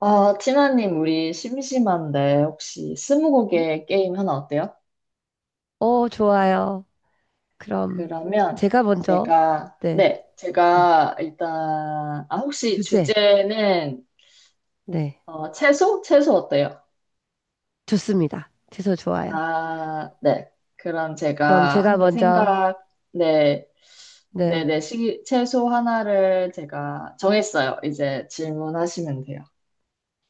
아, 티나님, 우리 심심한데 혹시 스무고개 게임 하나 어때요? 어, 좋아요. 그럼 그러면 제가 먼저, 제가, 네, 네, 네. 제가 일단, 아, 혹시 주제, 주제는 네, 채소? 채소 어때요? 좋습니다. 주소 좋아요. 아, 네. 그럼 그럼 제가 제가 한 개 먼저, 생각, 네, 네, 채소 하나를 제가 정했어요. 이제 질문하시면 돼요.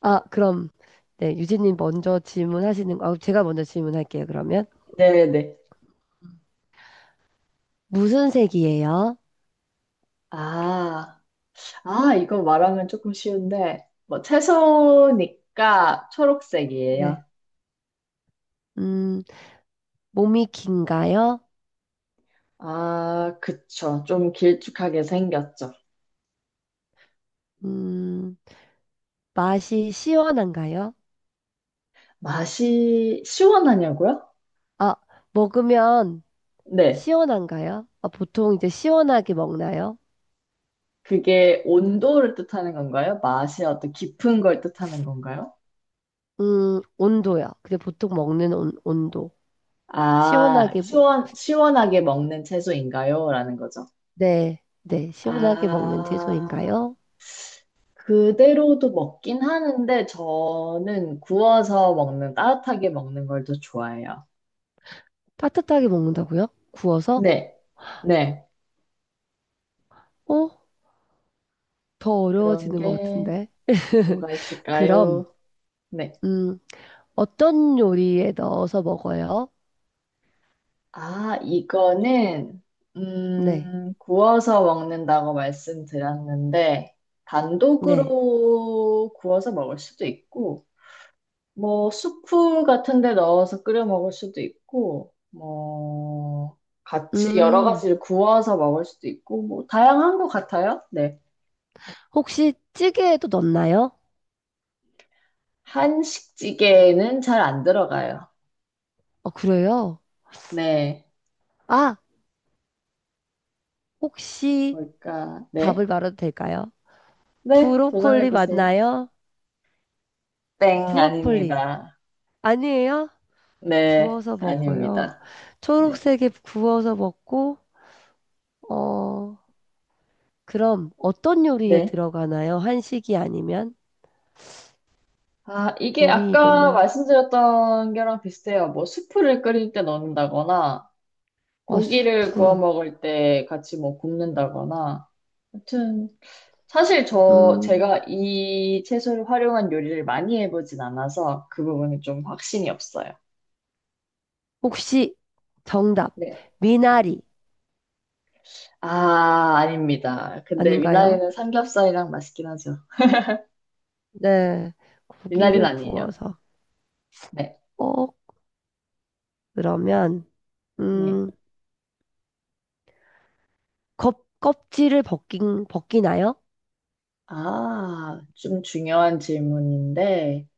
아, 그럼, 네, 유진님 먼저 아, 제가 먼저 질문할게요, 그러면. 네, 네. 무슨 색이에요? 아. 아, 이거 말하면 조금 쉬운데, 뭐, 채소니까 네, 초록색이에요. 음, 몸이 긴가요? 아, 그쵸. 좀 길쭉하게 생겼죠. 음, 맛이 시원한가요? 맛이 시원하냐고요? 아, 먹으면 네. 시원한가요? 아, 보통 이제 시원하게 먹나요? 그게 온도를 뜻하는 건가요? 맛이 어떤 깊은 걸 뜻하는 건가요? 온도요. 근데 보통 먹는 온도. 아, 시원하게 먹, 시원하게 먹는 채소인가요? 라는 거죠. 네, 네, 시원하게 먹는 아, 채소인가요? 그대로도 먹긴 하는데, 저는 구워서 먹는, 따뜻하게 먹는 걸 더 좋아해요. 따뜻하게 먹는다고요? 구워서? 네, 네. 어? 더 그런 어려워지는 것 게 같은데. 뭐가 그럼, 있을까요? 네. 음, 어떤 요리에 넣어서 먹어요? 아, 이거는, 네, 구워서 먹는다고 말씀드렸는데, 네. 단독으로 구워서 먹을 수도 있고, 뭐, 수프 같은 데 넣어서 끓여 먹을 수도 있고, 뭐, 같이 여러 음, 가지를 구워서 먹을 수도 있고, 뭐, 다양한 것 같아요. 네. 혹시 찌개에도 넣나요? 한식찌개에는 잘 안 들어가요. 어, 그래요? 네. 아, 혹시 뭘까? 답을 네. 말해도 될까요? 네, 브로콜리 도전해보세요. 맞나요? 땡, 브로콜리. 아닙니다. 아니에요? 네, 구워서 먹어요. 아닙니다. 네. 초록색에 구워서 먹고, 어, 그럼 어떤 요리에 네. 들어가나요? 한식이 아니면? 아, 이게 요리 아까 이름을. 말씀드렸던 게랑 비슷해요. 뭐, 수프를 끓일 때 넣는다거나, 어, 고기를 구워 수프. 먹을 때 같이 뭐 굽는다거나. 아무튼, 사실 음, 제가 이 채소를 활용한 요리를 많이 해보진 않아서 그 부분이 좀 확신이 없어요. 혹시 정답. 네. 네. 미나리 아, 아닙니다. 근데 아닌가요? 미나리는 삼겹살이랑 맛있긴 하죠. 네. 미나리는 고기를 아니에요. 구워서. 네, 어, 그러면, 네. 음, 껍질을 벗기나요? 아, 좀 중요한 질문인데,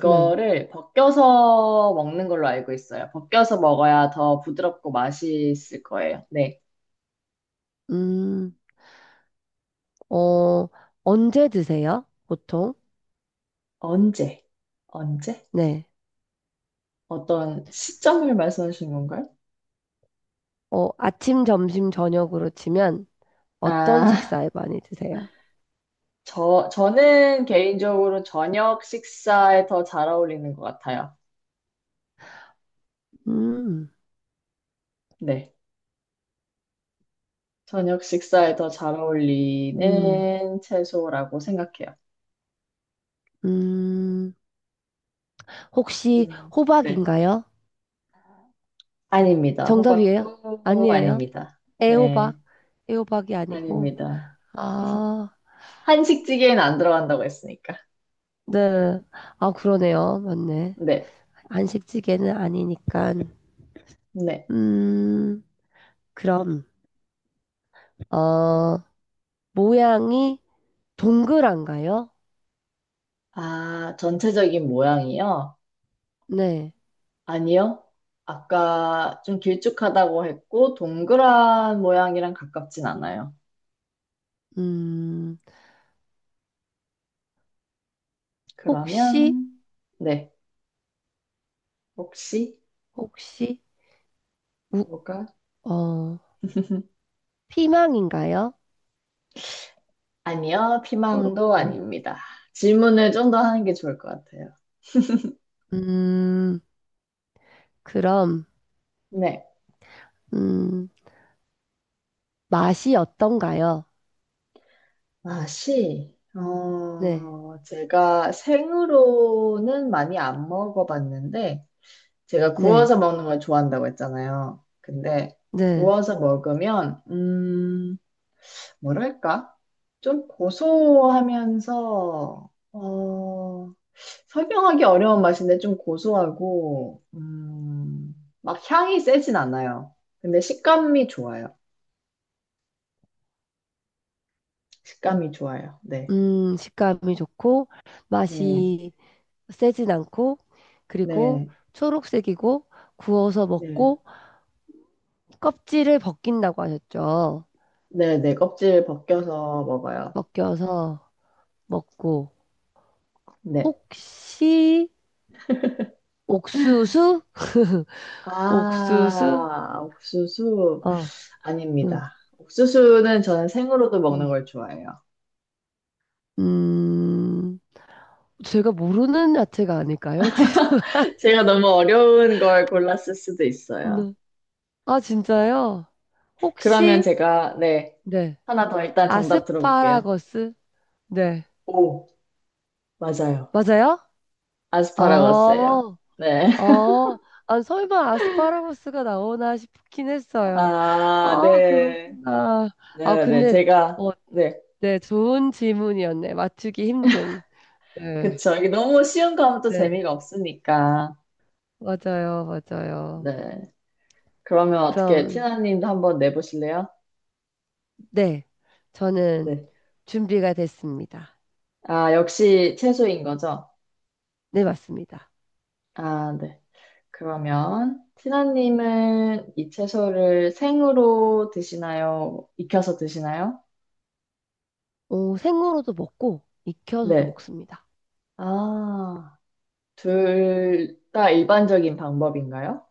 네. 벗겨서 먹는 걸로 알고 있어요. 벗겨서 먹어야 더 부드럽고 맛있을 거예요. 네. 음, 어, 언제 드세요? 보통? 언제? 언제? 네. 어떤 시점을 말씀하시는 건가요? 어, 아침, 점심, 저녁으로 치면 어떤 아, 식사에 많이 드세요? 저는 개인적으로 저녁 식사에 더 잘 어울리는 것 같아요. 음, 네. 저녁 식사에 더 잘 음, 어울리는 채소라고 생각해요. 음. 혹시 질문. 네. 호박인가요? 아닙니다. 정답이에요? 호박도 아니에요? 아닙니다. 네, 애호박? 애호박이 아니고. 아닙니다. 아, 한식찌개에는 안 들어간다고 했으니까. 네. 아, 그러네요. 맞네. 네, 한식찌개는 아니니까. 네. 음, 그럼, 어, 모양이 동그란가요? 아, 전체적인 모양이요? 네. 아니요. 아까 좀 길쭉하다고 했고, 동그란 모양이랑 가깝진 않아요. 음, 혹시, 그러면, 네. 혹시, 혹시, 우, 뭐가? 어, 피망인가요? 아니요. 피망도 초록피망. 아닙니다. 질문을 좀 더 하는 게 좋을 것 같아요. 음, 그럼, 네. 음, 맛이 어떤가요? 맛이 네, 제가 생으로는 많이 안 먹어봤는데, 제가 네, 구워서 먹는 걸 좋아한다고 했잖아요. 근데 네. 구워서 먹으면, 뭐랄까? 좀 고소하면서, 어, 설명하기 어려운 맛인데 좀 고소하고, 막 향이 세진 않아요. 근데 식감이 좋아요. 네. 식감이 좋고, 네. 맛이 세진 않고, 그리고 네. 초록색이고, 구워서 네. 먹고, 껍질을 벗긴다고 하셨죠. 네네, 껍질 벗겨서 먹어요. 벗겨서 먹고, 네. 혹시, 옥수수? 옥수수? 아, 옥수수? 어, 음, 아닙니다. 옥수수는 저는 생으로도 먹는 음, 걸 좋아해요. 음. 제가 모르는 야채가 아닐까요? 제가 너무 어려운 걸 골랐을 수도 있어요. 죄송합니다. 아, 진짜요? 그러면 혹시, 네. 하나 더 일단 정답 들어볼게요. 아스파라거스? 네. 오, 맞아요. 맞아요? 아스파라거스예요. 아, 네. 아, 아, 설마 아스파라거스가 나오나 싶긴 했어요. 아, 아, 네. 그렇구나. 아, 네, 네. 근데, 제가, 어, 네. 네. 좋은 질문이었네. 맞추기 힘든. 네. 그쵸. 이게 너무 쉬운 거 하면 또 네. 재미가 없으니까. 맞아요. 맞아요. 네. 그러면 어떻게 그럼, 티나님도 한번 내보실래요? 네. 저는 네. 준비가 됐습니다. 아, 역시 채소인 거죠? 네, 맞습니다. 아, 네. 그러면 티나님은 이 채소를 생으로 드시나요? 익혀서 드시나요? 어, 생으로도 먹고 익혀서도 네. 먹습니다. 아, 둘 다 일반적인 방법인가요?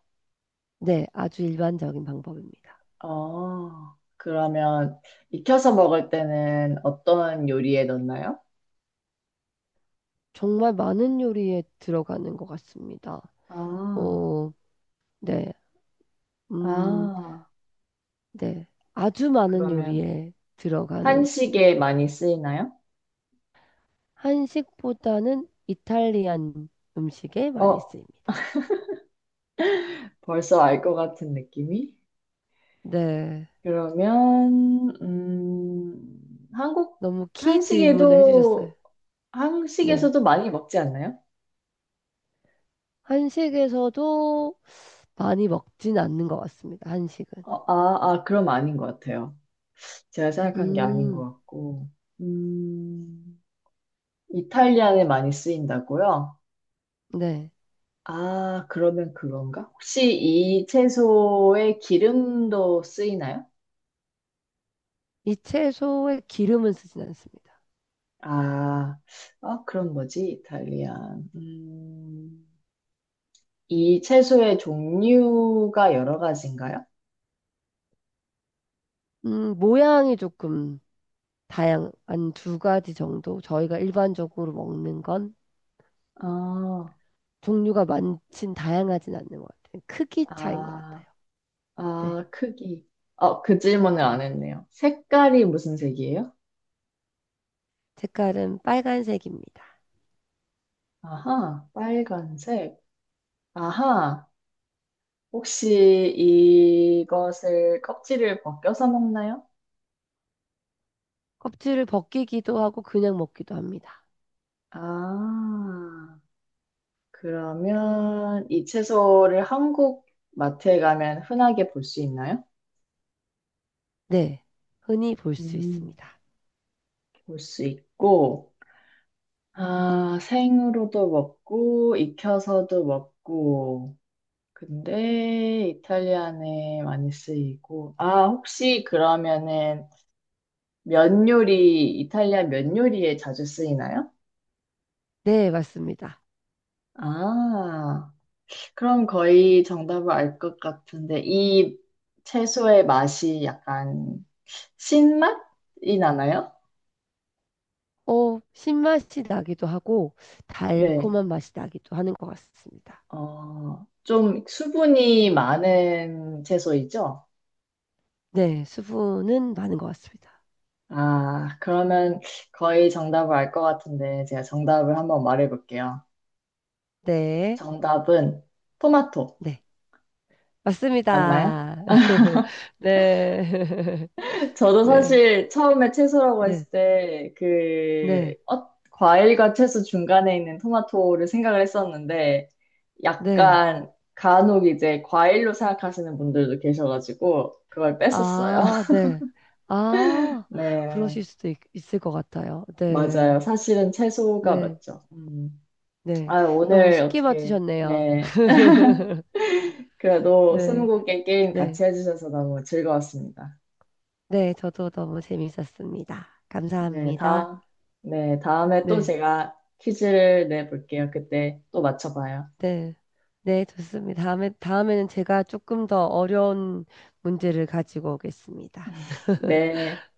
네, 아주 일반적인 방법입니다. 어, 그러면 익혀서 먹을 때는 어떤 요리에 넣나요? 정말 많은 요리에 들어가는 것 같습니다. 아, 어, 네, 음, 아, 네, 아주 많은 그러면 요리에 들어가는 한식에 많이 쓰이나요? 한식보다는 이탈리안 음식에 많이 어, 쓰입니다. 벌써 알 것 같은 느낌이? 네, 그러면, 너무 키 질문을 해주셨어요. 한식에도, 네, 한식에서도 많이 먹지 않나요? 한식에서도 많이 먹진 않는 것 같습니다. 한식은. 그럼 아닌 것 같아요. 제가 생각한 게 아닌 것 음, 같고. 음, 이탈리안에 많이 쓰인다고요? 네. 아, 그러면 그건가? 혹시 이 채소에 기름도 쓰이나요? 이 채소에 기름은 쓰진 않습니다. 아, 아, 그럼 뭐지? 이탈리안. 이 채소의 종류가 여러 가지인가요? 모양이 조금 다양한 두 가지 정도 저희가 일반적으로 먹는 건 아, 종류가 많진 다양하진 않는 것 같아요. 크기 차이인 것 아, 같아요. 네. 아, 크기. 어, 그 질문을 안 했네요. 색깔이 무슨 색이에요? 색깔은 빨간색입니다. 아하, 빨간색. 아하, 혹시 이것을 껍질을 벗겨서 먹나요? 껍질을 벗기기도 하고 그냥 먹기도 합니다. 아, 그러면 이 채소를 한국 마트에 가면 흔하게 볼 수 있나요? 네. 흔히 볼 수 음, 있습니다. 볼 수 있고, 아, 생으로도 먹고, 익혀서도 먹고, 근데 이탈리안에 많이 쓰이고. 아, 혹시 그러면은 면 요리, 이탈리안 면 요리에 자주 쓰이나요? 네, 맞습니다. 아, 그럼 거의 정답을 알 것 같은데, 이 채소의 맛이 약간 신맛이 나나요? 어, 신맛이 나기도 하고 네. 달콤한 맛이 나기도 하는 것 같습니다. 어, 좀 수분이 많은 채소이죠? 네, 수분은 많은 것 같습니다. 아, 그러면 거의 정답을 알 것 같은데 제가 정답을 한번 말해볼게요. 네. 정답은 토마토 네. 맞나요? 맞습니다. 네. 저도 네. 사실 처음에 채소라고 네. 했을 때 그 네. 과일과 채소 중간에 있는 토마토를 생각을 했었는데 네. 약간 간혹 이제 과일로 생각하시는 분들도 계셔가지고 그걸 뺐었어요. 아, 네. 아, 네, 그러실 수도 있을 것 같아요. 네. 맞아요. 사실은 채소가 네. 맞죠. 음. 네. 아, 너무 오늘 쉽게 어떻게 맞추셨네요. 네. 그래도 네. 스무고개 게임 네. 같이 해주셔서 너무 즐거웠습니다. 네. 저도 너무 재밌었습니다. 네, 감사합니다. 다, 네, 다음에 또 네. 제가 퀴즈를 내볼게요. 그때 또 맞춰봐요. 네. 네. 좋습니다. 다음에, 다음에는 제가 조금 더 어려운 문제를 가지고 오겠습니다. 네.